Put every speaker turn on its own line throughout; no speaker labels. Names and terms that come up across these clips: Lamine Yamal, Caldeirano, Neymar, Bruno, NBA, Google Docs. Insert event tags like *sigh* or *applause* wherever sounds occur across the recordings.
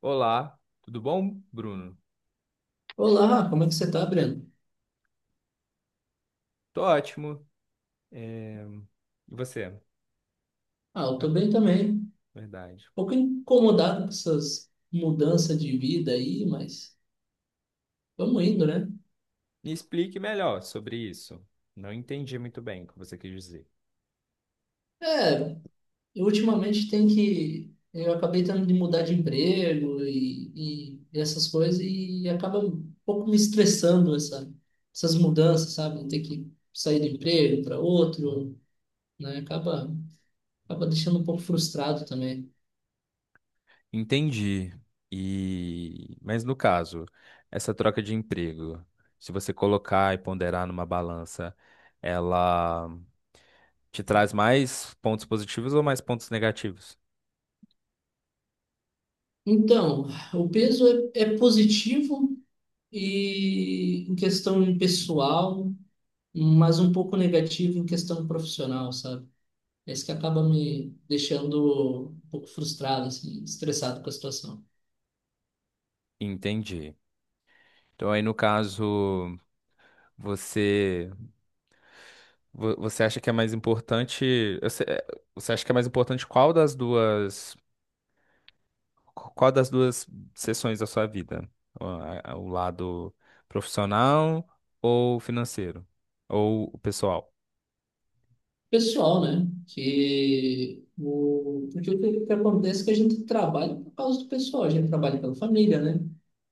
Olá, tudo bom, Bruno?
Olá, como é que você tá, Breno?
Tô ótimo. É, E você?
Ah, eu
Ah,
tô bem também. Um
verdade.
pouco incomodado com essas mudanças de vida aí, mas vamos indo, né?
Me explique melhor sobre isso. Não entendi muito bem o que você quis dizer.
É, eu ultimamente tem que. Eu acabei tendo de mudar de emprego e essas coisas, e acaba um pouco me estressando essas mudanças, sabe? Ter que sair do emprego para outro, né? Acaba deixando um pouco frustrado também.
Entendi. Mas no caso, essa troca de emprego, se você colocar e ponderar numa balança, ela te traz mais pontos positivos ou mais pontos negativos?
Então, o peso é positivo e em questão pessoal, mas um pouco negativo em questão profissional, sabe? É isso que acaba me deixando um pouco frustrado, assim, estressado com a situação.
Entendi. Então aí no caso, você Você acha que é mais importante? Você acha que é mais importante qual das duas seções da sua vida? O lado profissional ou financeiro? Ou o pessoal?
Pessoal, né? Que o... Porque o que que acontece é que a gente trabalha por causa do pessoal, a gente trabalha pela família, né?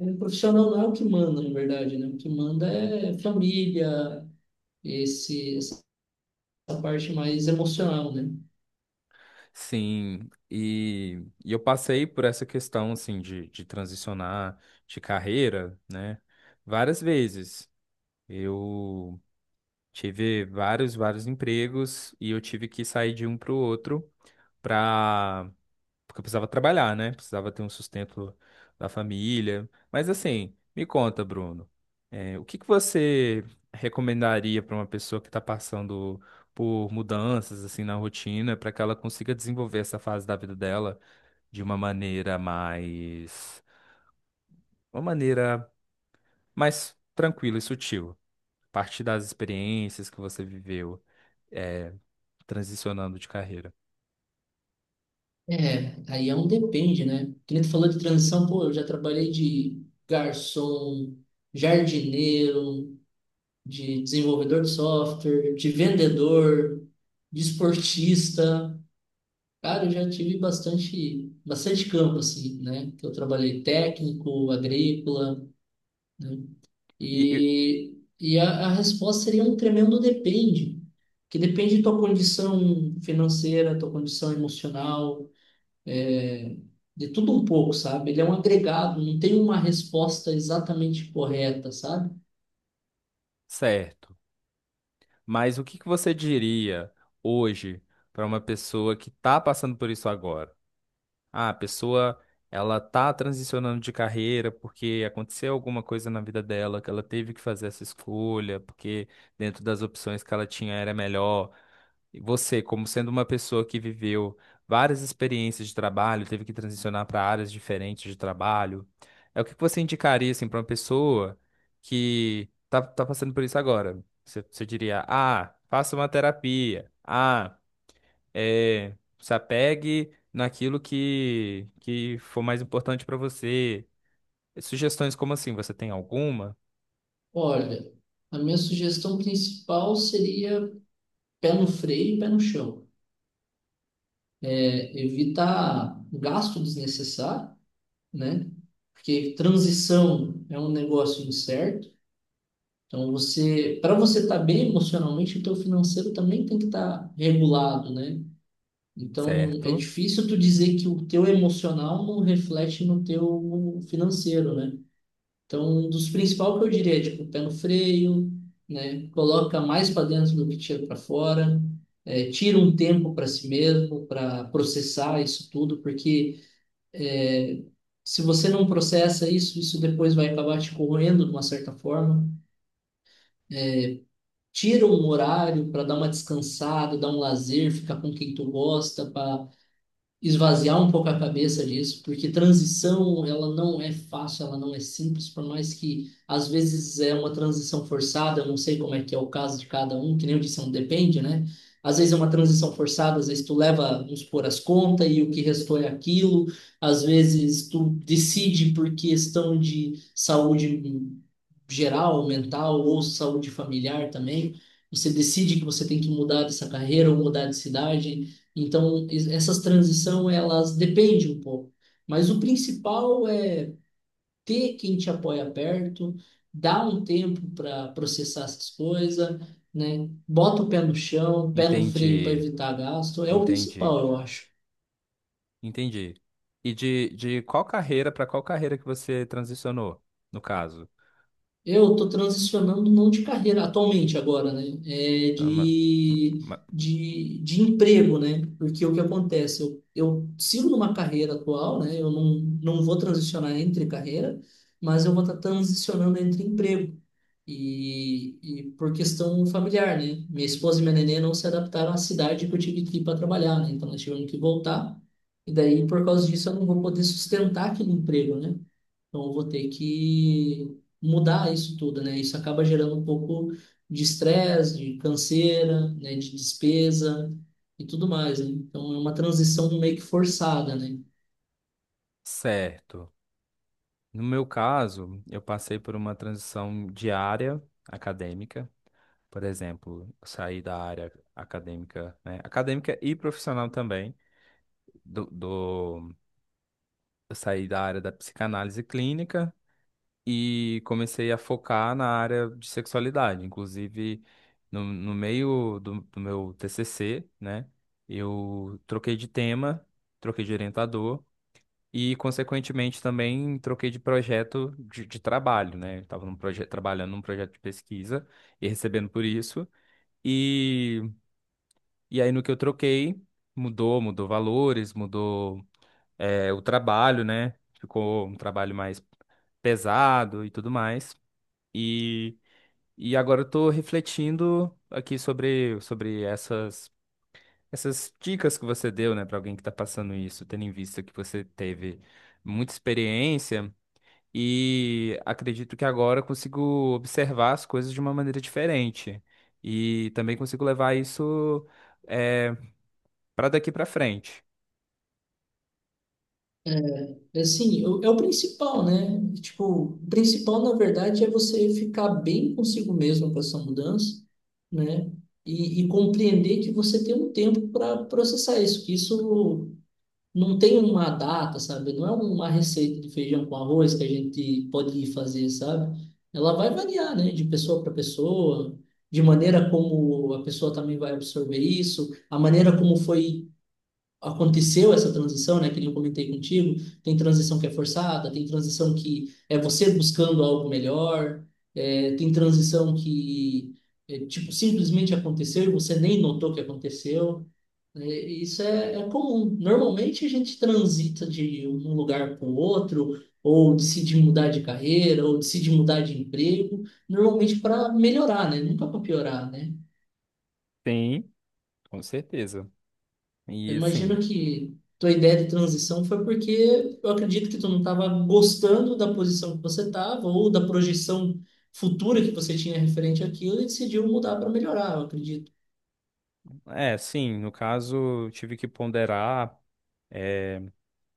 É, o profissional não é o que manda, na verdade, né? O que manda é família, essa parte mais emocional, né?
Sim, e eu passei por essa questão, assim, de transicionar de carreira, né? Várias vezes. Eu tive vários empregos e eu tive que sair de um para o outro para porque eu precisava trabalhar, né? Precisava ter um sustento da família. Mas assim, me conta, Bruno, o que que você recomendaria para uma pessoa que está passando por mudanças assim na rotina, para que ela consiga desenvolver essa fase da vida dela de uma uma maneira mais tranquila e sutil, a partir das experiências que você viveu, eh, transicionando de carreira.
É, aí é um depende, né? Que nem tu falou de transição, pô, eu já trabalhei de garçom, jardineiro, de desenvolvedor de software, de vendedor, de esportista. Cara, eu já tive bastante, bastante campo, assim, né? Que eu trabalhei técnico, agrícola, né?
E, e-
E, e a resposta seria um tremendo depende, que depende da tua condição financeira, tua condição emocional é, de tudo um pouco, sabe? Ele é um agregado, não tem uma resposta exatamente correta, sabe?
Certo. Mas o que que você diria hoje para uma pessoa que está passando por isso agora? Ah, a pessoa ela tá transicionando de carreira porque aconteceu alguma coisa na vida dela que ela teve que fazer essa escolha, porque dentro das opções que ela tinha era melhor. E você, como sendo uma pessoa que viveu várias experiências de trabalho, teve que transicionar para áreas diferentes de trabalho, o que que você indicaria assim para uma pessoa que tá passando por isso agora? Você diria: "Ah, faça uma terapia. Ah, se apegue naquilo que for mais importante para você." Sugestões como assim, você tem alguma?
Olha, a minha sugestão principal seria pé no freio e pé no chão. É, evitar gasto desnecessário, né? Porque transição é um negócio incerto. Então você, para você estar bem emocionalmente, o teu financeiro também tem que estar regulado, né? Então, é
Certo.
difícil tu dizer que o teu emocional não reflete no teu financeiro, né? Então, um dos principais que eu diria é, tipo, pé no freio, né? Coloca mais para dentro do que tira para fora. É, tira um tempo para si mesmo, para processar isso tudo, porque é, se você não processa isso, isso depois vai acabar te corroendo de uma certa forma. Tira um horário para dar uma descansada, dar um lazer, ficar com quem tu gosta, para esvaziar um pouco a cabeça disso, porque transição, ela não é fácil, ela não é simples, por mais que às vezes é uma transição forçada, eu não sei como é que é o caso de cada um, que nem eu disse, não depende, né? Às vezes é uma transição forçada, às vezes tu leva, vamos supor, as contas e o que restou é aquilo, às vezes tu decide por questão de saúde geral, mental ou saúde familiar também. Você decide que você tem que mudar dessa carreira ou mudar de cidade. Então, essas transição elas dependem um pouco. Mas o principal é ter quem te apoia perto, dar um tempo para processar essas coisas, né? Bota o pé no chão, pé no freio para
Entendi,
evitar gasto. É o
entendi,
principal, eu acho.
entendi. E de qual carreira para qual carreira que você transicionou, no caso?
Eu estou transicionando não de carreira atualmente agora, né? É
Ah, ma- ma-
de emprego, né? Porque o que acontece? Eu sigo numa carreira atual, né? Eu não, não vou transicionar entre carreira, mas eu vou estar transicionando entre emprego. E por questão familiar, né? Minha esposa e minha nenê não se adaptaram à cidade que eu tive que ir para trabalhar, né? Então nós tivemos que voltar. E daí, por causa disso, eu não vou poder sustentar aquele emprego, né? Então, eu vou ter que mudar isso tudo, né? Isso acaba gerando um pouco de estresse, de canseira, né? De despesa e tudo mais, né? Então, é uma transição meio que forçada, né?
Certo. No meu caso, eu passei por uma transição de área acadêmica. Por exemplo, eu saí da área acadêmica, né? Acadêmica e profissional também do, do- eu saí da área da psicanálise clínica e comecei a focar na área de sexualidade. Inclusive, no meio do meu TCC, né, eu troquei de tema, troquei de orientador e, consequentemente, também troquei de projeto de trabalho, né? Eu estava trabalhando num projeto de pesquisa e recebendo por isso. E, e aí, no que eu troquei, mudou valores, mudou. O trabalho, né? Ficou um trabalho mais pesado e tudo mais. E, e agora eu tô refletindo aqui sobre essas dicas que você deu, né, para alguém que tá passando isso, tendo em vista que você teve muita experiência. E acredito que agora eu consigo observar as coisas de uma maneira diferente. E também consigo levar isso, é, para daqui para frente.
É assim, é o principal, né? Tipo, o principal, na verdade, é você ficar bem consigo mesmo com essa mudança, né? E compreender que você tem um tempo para processar isso, que isso não tem uma data, sabe? Não é uma receita de feijão com arroz que a gente pode ir fazer, sabe? Ela vai variar, né? De pessoa para pessoa, de maneira como a pessoa também vai absorver isso, a maneira como foi aconteceu essa transição, né? Que nem eu comentei contigo, tem transição que é forçada, tem transição que é você buscando algo melhor, é, tem transição que é, tipo simplesmente aconteceu e você nem notou que aconteceu né? É comum. Normalmente a gente transita de um lugar para o outro, ou decide mudar de carreira, ou decide mudar de emprego, normalmente para melhorar, né? Nunca para piorar, né?
Sim, com certeza. E
Eu imagino
assim,
que tua ideia de transição foi porque eu acredito que tu não estava gostando da posição que você estava, ou da projeção futura que você tinha referente àquilo, e decidiu mudar para melhorar, eu acredito.
é, sim, no caso, tive que ponderar é,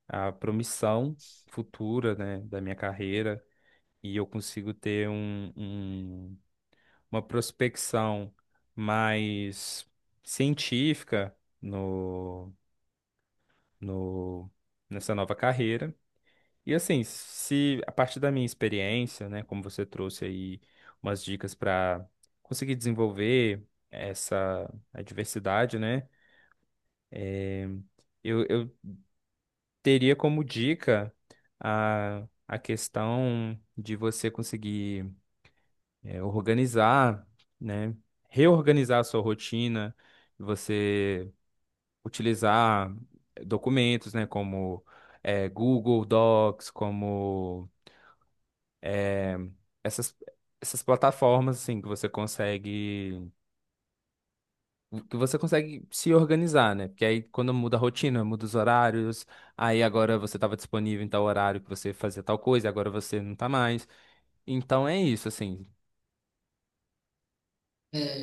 a promissão futura, né, da minha carreira e eu consigo ter uma prospecção mais científica no, no, nessa nova carreira. E assim, se a partir da minha experiência, né, como você trouxe aí umas dicas para conseguir desenvolver essa a diversidade, né, eh, eu teria como dica a questão de você conseguir organizar, né? Reorganizar a sua rotina, você utilizar documentos, né? Como Google Docs, como essas, essas plataformas, assim, que você consegue se organizar, né? Porque aí quando muda a rotina, muda os horários, aí agora você estava disponível em tal horário que você fazia tal coisa, agora você não tá mais. Então é isso, assim.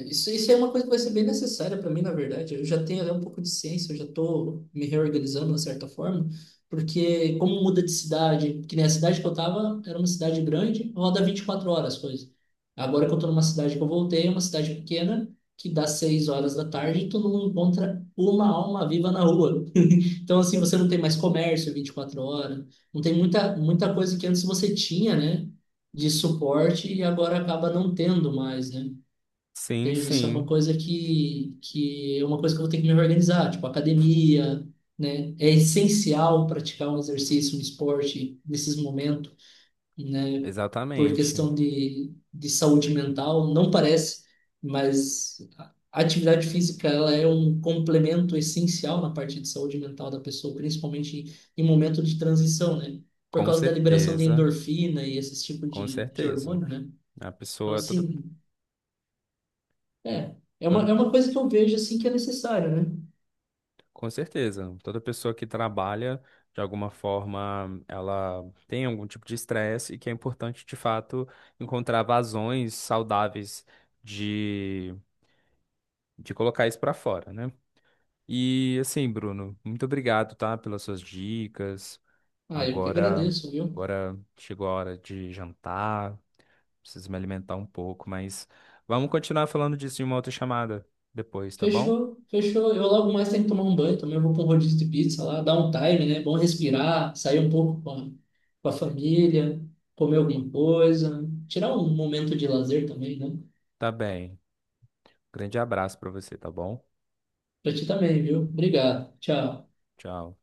Isso é uma coisa que vai ser bem necessária para mim, na verdade. Eu já tenho até um pouco de ciência, eu já estou me reorganizando, de certa forma, porque como muda de cidade, que nem a cidade que eu estava, era uma cidade grande, roda 24 horas as coisas. Agora que eu estou numa cidade que eu voltei, é uma cidade pequena, que dá 6 horas da tarde e tu não encontra uma alma viva na rua. *laughs* Então, assim, você não tem mais comércio 24 horas, não tem muita coisa que antes você tinha, né, de suporte e agora acaba não tendo mais, né?
Sim,
Entendi. Isso é uma
sim,
coisa que é uma coisa que eu vou ter que me organizar, tipo academia, né? É essencial praticar um exercício, um esporte nesses momentos, né? Por
exatamente.
questão de saúde mental, não parece, mas a atividade física ela é um complemento essencial na parte de saúde mental da pessoa, principalmente em momento de transição, né? Por
Com
causa da liberação de
certeza,
endorfina e esse tipo
com
de
certeza.
hormônio, né?
A
Então,
pessoa, toda,
assim,
toda,
é uma coisa que eu vejo assim que é necessária, né?
com certeza, toda pessoa que trabalha, de alguma forma, ela tem algum tipo de estresse e que é importante, de fato, encontrar vazões saudáveis de colocar isso pra fora, né? E assim, Bruno, muito obrigado, tá, pelas suas dicas.
Ah, eu que
Agora,
agradeço, viu?
agora chegou a hora de jantar, preciso me alimentar um pouco, mas vamos continuar falando disso em uma outra chamada depois, tá bom?
Fechou, fechou. Eu logo mais tenho que tomar um banho também. Eu vou para um rodízio de pizza lá, dar um time, né? Bom respirar, sair um pouco com a família, comer alguma coisa, tirar um momento de lazer também, né?
Tá bem. Grande abraço pra você, tá bom?
Pra ti também, viu? Obrigado. Tchau.
Tchau.